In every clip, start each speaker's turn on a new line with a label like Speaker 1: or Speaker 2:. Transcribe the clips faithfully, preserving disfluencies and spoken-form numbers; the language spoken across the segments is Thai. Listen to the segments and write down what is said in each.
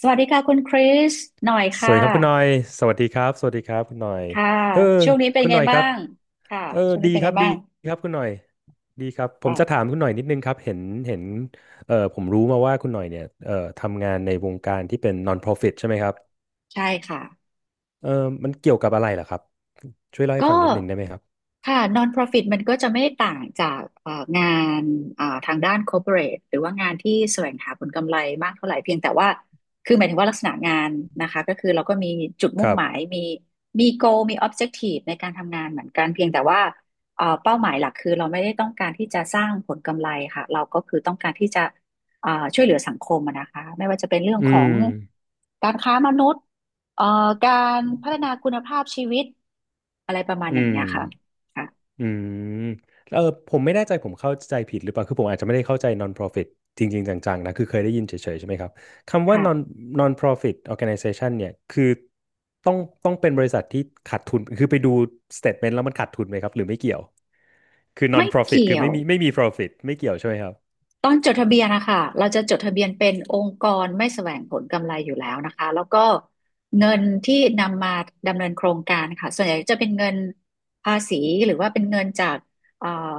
Speaker 1: สวัสดีค่ะคุณคริสหน่อย
Speaker 2: ส
Speaker 1: ค่
Speaker 2: วัสดีครับคุณหน่อย
Speaker 1: ะ
Speaker 2: สวัสดีครับ สวัสดีครับคุณหน่อย
Speaker 1: ค่ะ
Speaker 2: เออ
Speaker 1: ช่วงนี้เป็น
Speaker 2: คุณห
Speaker 1: ไง
Speaker 2: น่อยค
Speaker 1: บ้า
Speaker 2: รับ
Speaker 1: งค่ะ
Speaker 2: เออ
Speaker 1: ช่วง
Speaker 2: ดี
Speaker 1: นี้เป็น
Speaker 2: ค
Speaker 1: ไง
Speaker 2: รับดี
Speaker 1: บ้าง
Speaker 2: ครับคุณหน่อยดีครับ ผมจะถา
Speaker 1: อ่า
Speaker 2: มคุณหน่อยนิดนึงครับ เห็นเห็นเออผมรู้มาว่าคุณหน่อยเนี่ยเออทำงานในวงการที่เป็น non-profit ใช่ไหมครับ
Speaker 1: ใช่ค่ะ
Speaker 2: เออมันเกี่ยวกับอะไรเหรอครับช่วยเล่าให้
Speaker 1: ก็
Speaker 2: ฟังนิดนึงได้ไหมครับ
Speaker 1: ค่ะ non-profit มันก็จะไม่ต่างจากเอ่องานเอ่อทางด้าน corporate หรือว่างานที่แสวงหาผลกำไรมากเท่าไหร่เพียงแต่ว่าคือหมายถึงว่าลักษณะงานนะคะก็คือเราก็มีจุด
Speaker 2: ค
Speaker 1: มุ่ง
Speaker 2: รับ
Speaker 1: หมายมีมี goal มี objective ในการทำงานเหมือนกันเพียงแต่ว่าเอ่อเป้าหมายหลักคือเราไม่ได้ต้องการที่จะสร้างผลกำไรค่ะเราก็คือต้องการที่จะเอ่อช่วยเหลือสังคมอะนะคะไม่ว่าจะเป็นเรื่อง
Speaker 2: อื
Speaker 1: ของ
Speaker 2: ม
Speaker 1: การค้ามนุษย์ เอ่อการพัฒนาคุณภาพชีวิตอะไรประมาณ
Speaker 2: อื
Speaker 1: อย่าง
Speaker 2: ม
Speaker 1: เนี้ยค่ะค่ะ
Speaker 2: อืมแล้วเออผมไม่แน่ใจผมเข้าใจผิดหรือเปล่าคือผมอาจจะไม่ได้เข้าใจ non-profit จริงๆจังๆนะคือเคยได้ยินเฉยๆใช่ไหมครับคำว่า non
Speaker 1: ค่ะ
Speaker 2: non-profit organization เนี่ยคือต้องต้องเป็นบริษัทที่ขาดทุนคือไปดู statement แล้วมันขาดทุนไหมครับหรือไม่เกี่ยวคือ
Speaker 1: ไม่
Speaker 2: non-profit คื
Speaker 1: เกี่
Speaker 2: อ
Speaker 1: ย
Speaker 2: ไม่
Speaker 1: ว
Speaker 2: มีไม่มี profit ไม่เกี่ยวใช่ไหมครับ
Speaker 1: ตอนจดทะเบียนนะคะเราจะจดทะเบียนเป็นองค์กรไม่แสวงผลกำไรอยู่แล้วนะคะแล้วก็เงินที่นำมาดำเนินโครงการค่ะส่วนใหญ่จะเป็นเงินภาษีหรือว่าเป็นเงินจากเอ่อ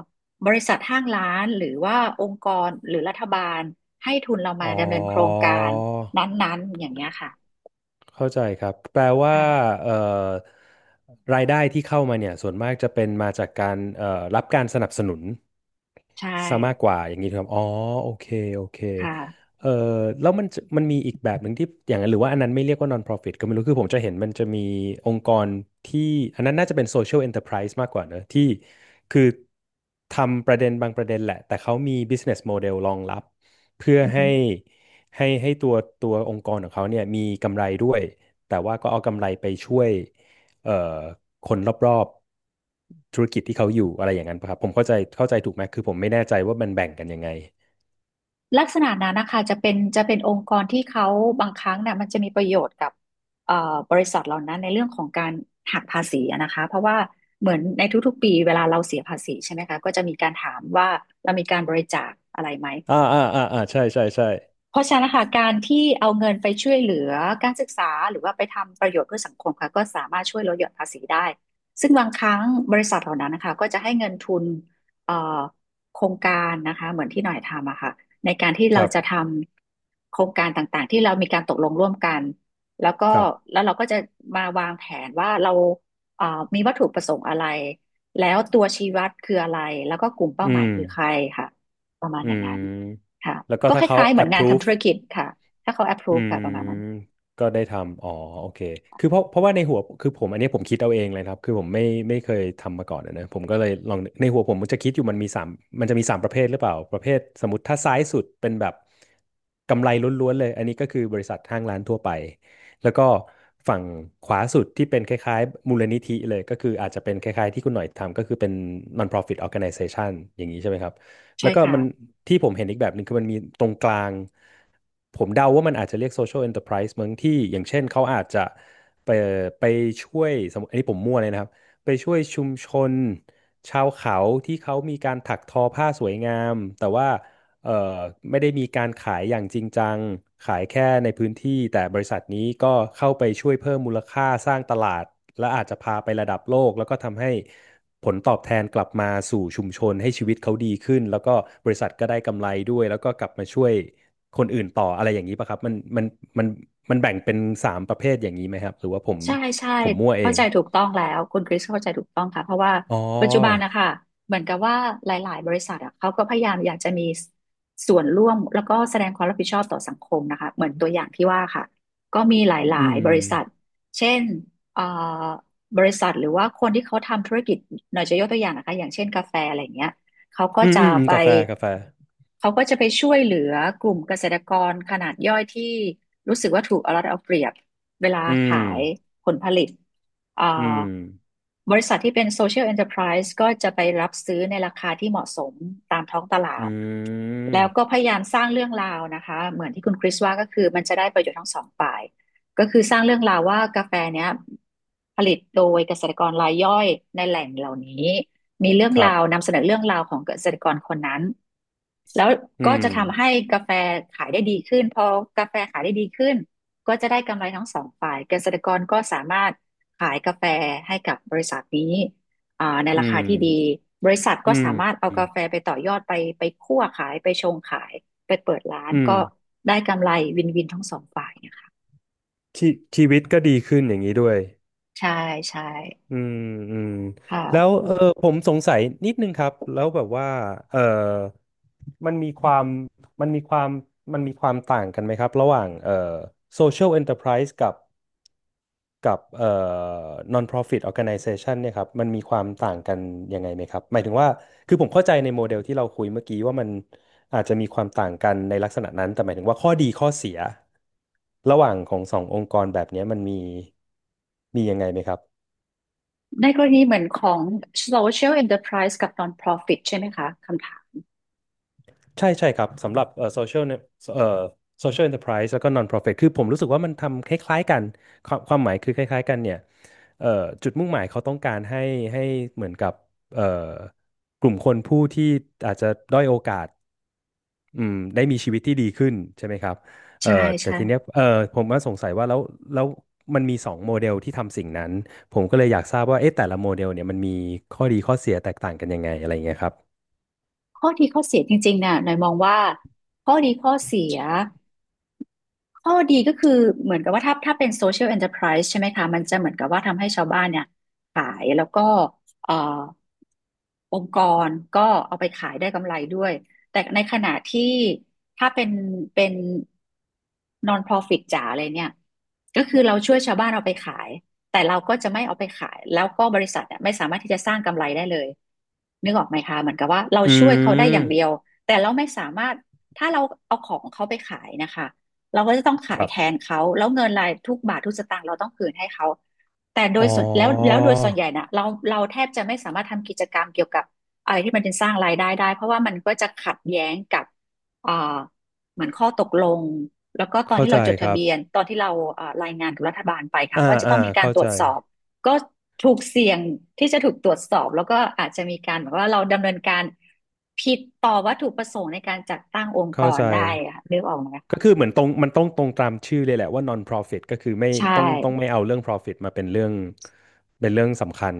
Speaker 1: บริษัทห้างร้านหรือว่าองค์กรหรือรัฐบาลให้ทุนเรา
Speaker 2: อ๋
Speaker 1: มา
Speaker 2: อ
Speaker 1: ดำเนินโครงการนั้นๆอย่างเงี้ยค่ะ
Speaker 2: เข้าใจครับแปลว่า
Speaker 1: ค่ะ
Speaker 2: เอ่อรายได้ที่เข้ามาเนี่ยส่วนมากจะเป็นมาจากการเอ่อรับการสนับสนุน
Speaker 1: ใช่
Speaker 2: ซะมากกว่าอย่างนี้ถูกครับอ๋อโอเคโอเค
Speaker 1: ค่ะ
Speaker 2: เอ่อแล้วมันจะมันมีอีกแบบหนึ่งที่อย่างนั้นหรือว่าอันนั้นไม่เรียกว่า non-profit ก็ไม่รู้คือผมจะเห็นมันจะมีองค์กรที่อันนั้นน่าจะเป็น social enterprise มากกว่าเนอะที่คือทำประเด็นบางประเด็นแหละแต่เขามี business model รองรับเพื่อให้ ให้ให้ตัวตัวองค์กรของเขาเนี่ยมีกำไรด้วยแต่ว่าก็เอากำไรไปช่วยเอ่อคนรอบๆธุรกิจที่เขาอยู่อะไรอย่างนั้นปะครับผมเข้าใจเข้าใจถูกไหมคือผมไม่แน่ใจว่ามันแบ่งกันยังไง
Speaker 1: ลักษณะนั้นนะคะจะเป็นจะเป็นองค์กรที่เขาบางครั้งเนี่ยมันจะมีประโยชน์กับเอ่อบริษัทเหล่านั้นในเรื่องของการหักภาษีอะนะคะเพราะว่าเหมือนในทุกๆปีเวลาเราเสียภาษีใช่ไหมคะก็จะมีการถามว่าเรามีการบริจาคอะไรไหม
Speaker 2: อ่าอ่าอ่าอ่าใช่ใช่ใช่
Speaker 1: เพราะฉะนั้นนะคะการที่เอาเงินไปช่วยเหลือการศึกษาหรือว่าไปทำประโยชน์เพื่อสังคมค่ะก็สามารถช่วยลดหย่อนภาษีได้ซึ่งบางครั้งบริษัทเหล่านั้นนะคะก็จะให้เงินทุนเอ่อโครงการนะคะเหมือนที่หน่อยทำอะค่ะในการที่
Speaker 2: ค
Speaker 1: เรา
Speaker 2: รั
Speaker 1: จะท
Speaker 2: บ
Speaker 1: ำโครงการต่างๆที่เรามีการตกลงร่วมกันแล้วก็
Speaker 2: ครับ
Speaker 1: แล้วเราก็จะมาวางแผนว่าเราเอ่อมีวัตถุประสงค์อะไรแล้วตัวชี้วัดคืออะไรแล้วก็กลุ่มเป้า
Speaker 2: อื
Speaker 1: หมาย
Speaker 2: ม
Speaker 1: คือใครค่ะประมาณ
Speaker 2: อื
Speaker 1: อย่างนั้น
Speaker 2: ม
Speaker 1: ค่ะ
Speaker 2: แล้วก็
Speaker 1: ก็ค
Speaker 2: ถ้าเขา
Speaker 1: ล้ายๆเหมือนงานทำ
Speaker 2: approve
Speaker 1: ธุรกิจค่ะถ้าเขา
Speaker 2: อื
Speaker 1: approve ค่ะประมาณนั้น
Speaker 2: มก็ได้ทำอ๋อโอเคคือเพราะเพราะว่าในหัวคือผมอันนี้ผมคิดเอาเองเลยครับคือผมไม่ไม่เคยทำมาก่อนอะนะผมก็เลยลองในหัวผมมันจะคิดอยู่มันมีสามมันจะมีสามประเภทหรือเปล่าประเภทสมมติถ้าซ้ายสุดเป็นแบบกำไรล้วนๆเลยอันนี้ก็คือบริษัทห้างร้านทั่วไปแล้วก็ฝั่งขวาสุดที่เป็นคล้ายๆมูลนิธิเลยก็คืออาจจะเป็นคล้ายๆที่คุณหน่อยทำก็คือเป็น non-profit organization อย่างนี้ใช่ไหมครับ
Speaker 1: ใช่
Speaker 2: แล้วก็
Speaker 1: ค่ะ
Speaker 2: มันที่ผมเห็นอีกแบบหนึ่งคือมันมีตรงกลางผมเดาว่ามันอาจจะเรียก social enterprise มั้งที่อย่างเช่นเขาอาจจะไปไปช่วยสมมติอันนี้ผมมั่วเลยนะครับไปช่วยชุมชนชาวเขาที่เขามีการถักทอผ้าสวยงามแต่ว่า เอ่อไม่ได้มีการขายอย่างจริงจังขายแค่ในพื้นที่แต่บริษัทนี้ก็เข้าไปช่วยเพิ่มมูลค่าสร้างตลาดและอาจจะพาไประดับโลกแล้วก็ทำให้ผลตอบแทนกลับมาสู่ชุมชนให้ชีวิตเขาดีขึ้นแล้วก็บริษัทก็ได้กำไรด้วยแล้วก็กลับมาช่วยคนอื่นต่ออะไรอย่างนี้ป่ะครับมันมันมันมันแบ่งเป็นสามประเภทอย่างนี้ไหมครับหรือว่าผม
Speaker 1: ใช่ใช่
Speaker 2: ผมมั่วเอ
Speaker 1: เข้า
Speaker 2: ง
Speaker 1: ใจถูกต้องแล้วคุณคริสเข้าใจถูกต้องค่ะเพราะว่า
Speaker 2: อ๋อ
Speaker 1: ปัจจุบันนะคะเหมือนกับว่าหลายๆบริษัทอะเขาก็พยายามอยากจะมีส่วนร่วมแล้วก็แสดงความรับผิดชอบต่อสังคมนะคะเหมือนตัวอย่างที่ว่าค่ะก็มีหลา
Speaker 2: อื
Speaker 1: ย
Speaker 2: ม
Speaker 1: ๆบริษัทเช่นเอ่อบริษัทหรือว่าคนที่เขาทำธุรกิจหน่อยจะยกตัวอย่างนะคะอย่างเช่นกาแฟอะไรอย่างเงี้ย เขาก็
Speaker 2: อืม
Speaker 1: จะ
Speaker 2: อืมอืม
Speaker 1: ไป
Speaker 2: กาแฟกาแฟ
Speaker 1: เขาก็จะไปช่วยเหลือกลุ่มเกษตรกรขนาดย่อยที่รู้สึกว่าถูกเอารัดเอาเปรียบเวลา
Speaker 2: อื
Speaker 1: ขา
Speaker 2: ม
Speaker 1: ยผลผลิตอ่า
Speaker 2: อืม
Speaker 1: บริษัทที่เป็น Social Enterprise ก็จะไปรับซื้อในราคาที่เหมาะสมตามท้องตลา
Speaker 2: อื
Speaker 1: ดแล้วก็
Speaker 2: ม
Speaker 1: พยายามสร้างเรื่องราวนะคะเหมือนที่คุณคริสว่าก็คือมันจะได้ประโยชน์ทั้งสองฝ่ายก็คือสร้างเรื่องราวว่ากาแฟเนี้ยผลิตโดยเกษตรกรรายย่อยในแหล่งเหล่านี้ มีเรื่อง
Speaker 2: ครั
Speaker 1: ราว
Speaker 2: บ
Speaker 1: นำเสนอเรื่องราวของเกษตรกรคนนั้นแล้ว
Speaker 2: อื
Speaker 1: ก็
Speaker 2: ม
Speaker 1: จะทำให้กาแฟขายได้ดีขึ้นพอกาแฟขายได้ดีขึ้นก็จะได้กำไรทั้งสองฝ่ายเกษตรกรก็สามารถขายกาแฟให้กับบริษัทนี้อ่าใน
Speaker 2: อื
Speaker 1: ราคา
Speaker 2: ม
Speaker 1: ที่ดีบริษัทก็
Speaker 2: อืม
Speaker 1: สามารถเอากาแฟไปต่อยอดไปไปคั่วขายไปชงขายไปเปิดร้าน
Speaker 2: อืม
Speaker 1: ก็ได้กำไรวินวินทั้งสองฝ่ายนะคะ
Speaker 2: ชีชีวิตก็ดีขึ้นอย่างนี้ด้วย
Speaker 1: ใช่ใช่
Speaker 2: อืมอืมแล้ว
Speaker 1: ค่ะ
Speaker 2: เออผมสงสัยนิดนึงครับแล้วแบบว่าเออมันมีความมันมีความมันมีความต่างกันไหมครับระหว่างเอ่อ social enterprise กับกับเอ่อ non-profit organization เนี่ยครับมันมีความต่างกันยังไงไหมครับหมายถึงว่าคือผมเข้าใจในโมเดลที่เราคุยเมื่อกี้ว่ามันอาจจะมีความต่างกันในลักษณะนั้นแต่หมายถึงว่าข้อดีข้อเสียระหว่างของสององค์กรแบบเนี้ยมันมีมียังไงไหมครับ
Speaker 1: ในกรณีเหมือนของ social enterprise กับ non-profit ใช่ไหมคะคำถาม
Speaker 2: ใช่ใช่ครับสำหรับเอ่อโซเชียลเนี่ยเอ่อโซเชียลเอนตอร์สแล้วก็นอน profit คือผมรู้สึกว่ามันทำคล้ายๆกันความความหมายคือคล้ายๆกันเนี่ยเอ่อจุดมุ่งหมายเขาต้องการให้ให้เหมือนกับเอ่อกลุ่มคนผู้ที่อาจจะด้อยโอกาสอืมได้มีชีวิตที่ดีขึ้นใช่ไหมครับเอ่อ
Speaker 1: ใช่
Speaker 2: แต่
Speaker 1: ใช่
Speaker 2: ทีเนี้ยเอ่อผมก็สงสัยว่าแล้วแล้วมันมีสองโมเดลที่ทำสิ่งนั้นผมก็เลยอยากทราบว่าเอ๊ะแต่ละโมเดลเนี่ยมันมีข้อดีข้อเสียแตกต่างกันยังไงอะไรเงี้ยครับ
Speaker 1: ข้อดีข้อเสียจริงๆน่ะหน่อยมองว่าข้อดีข้อเสีย ข้อดีก็คือเหมือนกับว่าถ้าถ้าเป็น social enterprise ใช่ไหมคะมันจะเหมือนกับว่าทำให้ชาวบ้านเนี่ยขายแล้วก็เอ่อองค์กรก็เอาไปขายได้กำไรด้วยแต่ในขณะที่ถ้าเป็นเป็น non-profit จ๋าเลยเนี่ยก็คือเราช่วยชาวบ้านเอาไปขายแต่เราก็จะไม่เอาไปขายแล้วก็บริษัทเนี่ยไม่สามารถที่จะสร้างกำไรได้เลยนึกออกไหมคะเหมือนกับว่าเรา
Speaker 2: อื
Speaker 1: ช่วยเขาได้อย่างเดียว
Speaker 2: ม
Speaker 1: แต่เราไม่สามารถถ้าเราเอาของเขาไปขายนะคะ เราก็จะต้อง
Speaker 2: ค
Speaker 1: ขาย
Speaker 2: รั
Speaker 1: แทน
Speaker 2: บ
Speaker 1: เขาแล้วเงินรายทุกบาททุกสตางค์เราต้องคืนให้เขาแต่โดย
Speaker 2: อ๋อ
Speaker 1: ส่วนแล้วแล้วโดยส่วนใหญ่นะเราเราแทบจะไม่สามารถทำกิจกรรมเกี่ยวกับอะไรที่มันเป็นสร้างรายได้ได้เพราะว่ามันก็จะขัดแย้งกับเอ่อเหมือนข้อตกลงแล้วก็ตอน
Speaker 2: เข้า
Speaker 1: ที่
Speaker 2: ใจ
Speaker 1: เราจด
Speaker 2: ค
Speaker 1: ทะ
Speaker 2: รับ
Speaker 1: เบียนตอนที่เราเอ่อรายงานกับรัฐบาลไปค่ะ
Speaker 2: อ่า
Speaker 1: เพราะว่าจะ
Speaker 2: อ่า
Speaker 1: ต้องมีการ
Speaker 2: เข้า
Speaker 1: ตร
Speaker 2: ใจ
Speaker 1: วจสอบก็ถูกเสี่ยงที่จะถูกตรวจสอบแล้วก็อาจจะมีการแบบว่าเราดำเนินการผิดต่อวัตถุประสงค์ในการจัดตั้งองค์ก
Speaker 2: เข้า
Speaker 1: ร
Speaker 2: ใจ
Speaker 1: ได้อะค่ะนึกออกไหม
Speaker 2: ก็คือเหมือนตรงมันต้องตรงตามชื่อเลยแหละว่า non-profit ก็คือไม่
Speaker 1: ใช่
Speaker 2: ต้องต้องไม่เอาเรื่อง profit มาเป็นเรื่องเป็นเรื่องสำคัญ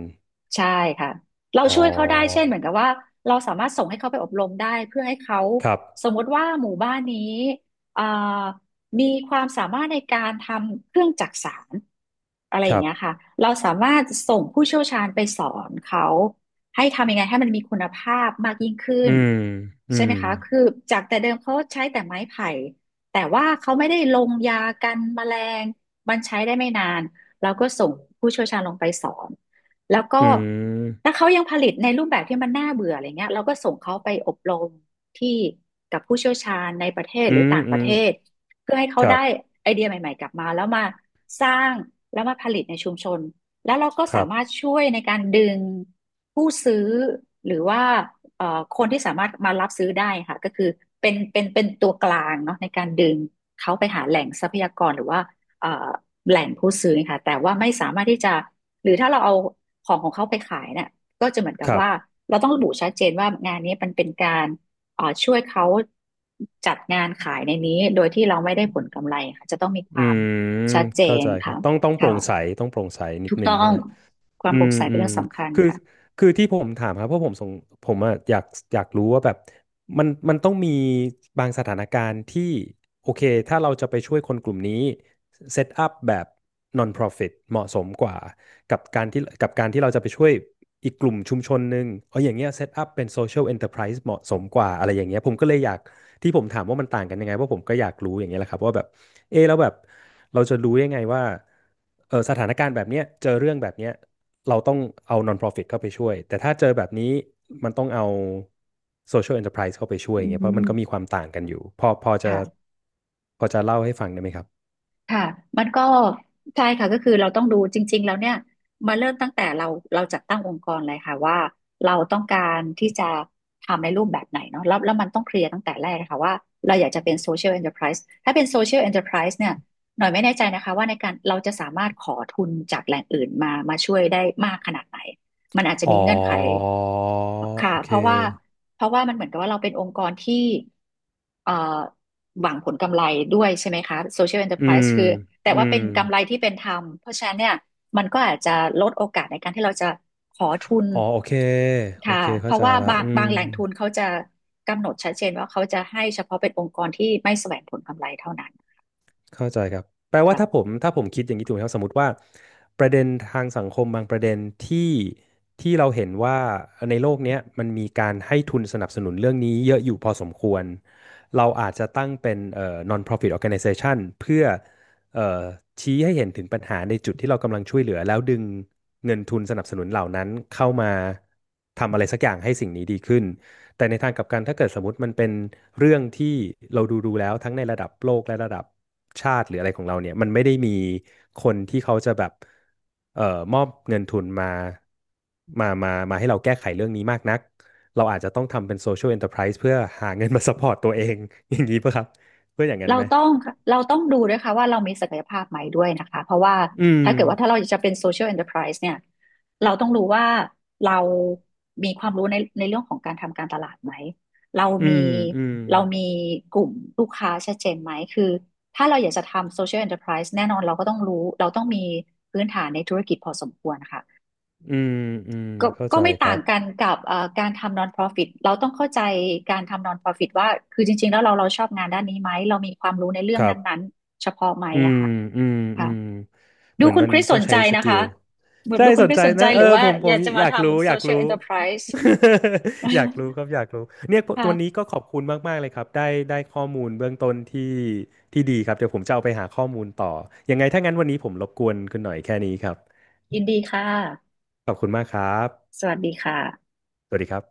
Speaker 1: ใช่ค่ะ เรา
Speaker 2: อ๋
Speaker 1: ช่วยเขาได้ เช่น
Speaker 2: อ
Speaker 1: เหมือนกับว่าเราสามารถส่งให้เขาไปอบรมได้เพื่อให้เขา
Speaker 2: ครับ
Speaker 1: สมมติว่าหมู่บ้านนี้เอ่อมีความสามารถในการทำเครื่องจักสานอะไร
Speaker 2: ค
Speaker 1: อย่าง
Speaker 2: รับ
Speaker 1: เงี้ยค่ะเราสามารถส่งผู้เชี่ยวชาญไปสอนเขาให้ทำยังไงให้มันมีคุณภาพมากยิ่งขึ้
Speaker 2: อื
Speaker 1: น
Speaker 2: มอื
Speaker 1: ใช่ไหม
Speaker 2: ม
Speaker 1: คะคือจากแต่เดิมเขาใช้แต่ไม้ไผ่แต่ว่าเขาไม่ได้ลงยากันแมลงมันใช้ได้ไม่นานเราก็ส่งผู้เชี่ยวชาญลงไปสอน แล้วก็
Speaker 2: อืม
Speaker 1: ถ้าเขายังผลิตในรูปแบบที่มันน่าเบื่ออะไรเงี้ยเราก็ส่งเขาไปอบรมที่กับผู้เชี่ยวชาญในประเทศ
Speaker 2: อื
Speaker 1: หรือ
Speaker 2: ม
Speaker 1: ต่างป
Speaker 2: อื
Speaker 1: ระ
Speaker 2: ม
Speaker 1: เทศเพื่อให้เขา
Speaker 2: ครั
Speaker 1: ได้
Speaker 2: บ
Speaker 1: ไอเดียใหม่ๆกลับมาแล้วมาสร้างแล้วมาผลิตในชุมชนแล้วเราก็
Speaker 2: ค
Speaker 1: สา
Speaker 2: รับ
Speaker 1: มารถช่วยในการดึงผู้ซื้อหรือว่าเอ่อคนที่สามารถมารับซื้อได้ค่ะก็คือเป็นเป็นเป็นตัวกลางเนาะในการดึงเขาไปหาแหล่งทรัพยากรหรือว่าเอ่อแหล่งผู้ซื้อค่ะแต่ว่าไม่สามารถที่จะ หรือถ้าเราเอาของของเขาไปขายเนี่ยก็จะเหมือนกับ
Speaker 2: ครับ
Speaker 1: ว่าเราต้องระบุชัดเจนว่างานนี้มันเป็นการเอ่อช่วยเขาจัดงานขายในนี้โดยที่เราไม่ได้ผลกำไรค่ะจะต้องมีค
Speaker 2: อื
Speaker 1: วาม
Speaker 2: ม
Speaker 1: ชัดเจ
Speaker 2: เข้า
Speaker 1: น
Speaker 2: ใจครั
Speaker 1: ค่ะ
Speaker 2: บต้องต้องโปร่
Speaker 1: ค่ะ
Speaker 2: งใสต้องโปร่งใสนิด
Speaker 1: ถูก
Speaker 2: นึ
Speaker 1: ต้
Speaker 2: ง
Speaker 1: อ
Speaker 2: ใช่
Speaker 1: ง
Speaker 2: ไหม
Speaker 1: ความ
Speaker 2: อื
Speaker 1: โปร่
Speaker 2: ม
Speaker 1: งใส
Speaker 2: อื
Speaker 1: เป็น
Speaker 2: ม
Speaker 1: เรื่องสำคัญ
Speaker 2: คือ
Speaker 1: ค่ะ
Speaker 2: คือที่ผมถามครับเพราะผมสงผมอะอยากอยากรู้ว่าแบบมันมันต้องมีบางสถานการณ์ที่โอเคถ้าเราจะไปช่วยคนกลุ่มนี้เซตอัพแบบ non-profit เหมาะสมกว่ากับการที่กับการที่เราจะไปช่วยอีกกลุ่มชุมชนหนึ่งเอาอย่างเงี้ยเซตอัพเป็น social enterprise เหมาะสมกว่าอะไรอย่างเงี้ยผมก็เลยอยาก ที่ผมถามว่ามันต่างกันยังไงเพราะผมก็อยากรู้อย่างเงี้ยแหละครับว่าแบบเออแล้วแบบเราจะรู้ยังไงว่าเออสถานการณ์แบบเนี้ยเจอเรื่องแบบเนี้ยเราต้องเอา non-profit เข้าไปช่วยแต่ถ้าเจอแบบนี้มันต้องเอา social enterprise เข้าไปช่วย
Speaker 1: อื
Speaker 2: อย่างเงี้ยเพราะมันก็มี
Speaker 1: ม
Speaker 2: ความต่างกันอยู่พอพอจะ
Speaker 1: ค่ะ
Speaker 2: พอจะเล่าให้ฟังได้ไหมครับ
Speaker 1: ค่ะมันก็ใช่ค่ะก็คือเราต้องดูจริงๆแล้วเนี่ยมาเริ่มตั้งแต่เราเราจัดตั้งองค์กรเลยค่ะว่าเราต้องการที่จะทำในรูปแบบไหนเนาะแล้วแล้วมันต้องเคลียร์ตั้งแต่แรกค่ะว่าเราอยากจะเป็นโซเชียล n อ e r p r i s e ถ้าเป็นโซเชียล n อ e r p r i s e เนี่ยหน่อยไม่แน่ใจนะคะว่าในการเราจะสามารถขอทุนจากแหล่งอื่นมามาช่วยได้มากขนาดไหน มันอาจจะ
Speaker 2: อ๋
Speaker 1: มี
Speaker 2: อ
Speaker 1: เงื่อนไขค่ะ
Speaker 2: โอเค
Speaker 1: เพราะว่าเพราะว่ามันเหมือนกับว่าเราเป็นองค์กรที่เอ่อหวังผลกำไรด้วยใช่ไหมคะ Social
Speaker 2: อื
Speaker 1: Enterprise
Speaker 2: ม
Speaker 1: คือแต่
Speaker 2: อื
Speaker 1: ว่า
Speaker 2: ม
Speaker 1: เป็นกำไรที่เป็นธรรมเพราะฉะนั้นเนี่ยมันก็อาจจะลดโอกาสในการที่เราจะขอทุน
Speaker 2: อ๋อโอเคโอ
Speaker 1: ค่ะ
Speaker 2: เค
Speaker 1: เพ
Speaker 2: เข้า
Speaker 1: ราะ
Speaker 2: ใจ
Speaker 1: ว่า
Speaker 2: ละ
Speaker 1: บาง
Speaker 2: อื
Speaker 1: บา
Speaker 2: ม
Speaker 1: งแหล่งทุนเขาจะกำหนดชัดเจนว่าเขาจะให้เฉพาะเป็นองค์กรที่ไม่แสวงผลกำไรเท่านั้น
Speaker 2: เข้าใจครับแปลว่า
Speaker 1: ค่ะ
Speaker 2: ถ้าผมถ้าผมคิดอย่างนี้ถูกไหมครับสมมติว่าประเด็นทางสังคมบางประเด็นที่ที่เราเห็นว่าในโลกเนี้ยมันมีการให้ทุนสนับสนุนเรื่องนี้เยอะอยู่พอสมควรเราอาจจะตั้งเป็นเอ่อ non-profit organization เพื่อเอ่อชี้ให้เห็นถึงปัญหาในจุดที่เรากำลังช่วยเหลือแล้วดึงเงินทุนสนับสนุนเหล่านั้นเข้ามาทำอะไรสักอย่างให้สิ่งนี้ดีขึ้น แต่ในทางกลับกันถ้าเกิดสมมติมันเป็นเรื่องที่เราดูดูแล้วทั้งในระดับโลกและระดับชาติหรืออะไรของเราเนี่ยมันไม่ได้มีคนที่เขาจะแบบเอ่อมอบเงินทุนมามามามาให้เราแก้ไขเรื่องนี้มากนักเราอาจจะต้องทำเป็นโซเชียล n อน e ต p r i s e เพื่อหาเงินมาซัพพอร์ตตัวเอง อย่างนี้ป่ะครับเพื่ออย่างนั้น
Speaker 1: เรา
Speaker 2: ไหม
Speaker 1: ต้องเราต้องดูด้วยค่ะว่าเรามีศักยภาพไหมด้วยนะคะเพราะว่า
Speaker 2: อืม
Speaker 1: ถ้าเกิดว่าถ้าเราจะเป็น social enterprise เนี่ยเราต้องรู้ว่าเรามีความรู้ในในเรื่องของการทำการตลาดไหมเรา
Speaker 2: อื
Speaker 1: มี
Speaker 2: มอืม
Speaker 1: เรามีกลุ่มลูกค้าชัดเจนไหมคือถ้าเราอยากจะทำ social enterprise แน่นอนเราก็ต้องรู้เราต้องมีพื้นฐานในธุรกิจพอสมควรค่ะ
Speaker 2: อืมอืม
Speaker 1: ก็
Speaker 2: เข้า
Speaker 1: ก็
Speaker 2: ใจ
Speaker 1: ไม่
Speaker 2: ค
Speaker 1: ต่า
Speaker 2: รั
Speaker 1: ง
Speaker 2: บ
Speaker 1: กันกับเอ่อการทำ non-profit เราต้องเข้าใจการทำ non-profit ว่าคือจริงๆแล้วเราเราชอบงานด้านนี้ไหมเรามีความรู้ในเรื่อ
Speaker 2: ค
Speaker 1: ง
Speaker 2: รับ
Speaker 1: นั้นๆเฉพาะไหม
Speaker 2: อื
Speaker 1: อะ
Speaker 2: ม
Speaker 1: ค่ะ
Speaker 2: อืมอื
Speaker 1: ค่ะ
Speaker 2: มเห
Speaker 1: ดู
Speaker 2: มือน
Speaker 1: คุณ
Speaker 2: มัน
Speaker 1: คริส
Speaker 2: ต้
Speaker 1: ส
Speaker 2: อง
Speaker 1: น
Speaker 2: ใช้
Speaker 1: ใจ
Speaker 2: ส
Speaker 1: นะ
Speaker 2: กิล
Speaker 1: คะ
Speaker 2: ใช่
Speaker 1: ดูคุ
Speaker 2: ส
Speaker 1: ณค
Speaker 2: น
Speaker 1: ริ
Speaker 2: ใจ
Speaker 1: สสนใจ
Speaker 2: นะเอ
Speaker 1: ห
Speaker 2: อ
Speaker 1: รือว่า
Speaker 2: ผมผ
Speaker 1: อ
Speaker 2: ม
Speaker 1: ยากจะ
Speaker 2: อ
Speaker 1: มา
Speaker 2: ยากรู้
Speaker 1: ทำ
Speaker 2: อยากรู้
Speaker 1: social enterprise
Speaker 2: อยากรู้ ครับอยากรู้เนี่ยวันนี้
Speaker 1: ค่ะ
Speaker 2: ก็ขอบคุณมากๆเลยครับได้ได้ข้อมูลเบื้องต้นที่ที่ดีครับเดี๋ยวผมจะเอาไปหาข้อมูลต่อยังไงถ้างั้นวันนี้ผมรบกวนคุณหน่อยแค่นี้ครับ
Speaker 1: ยินดีค่ะ
Speaker 2: ขอบคุณมากครับ
Speaker 1: สวัสดีค่ะ
Speaker 2: สวัสดีครับ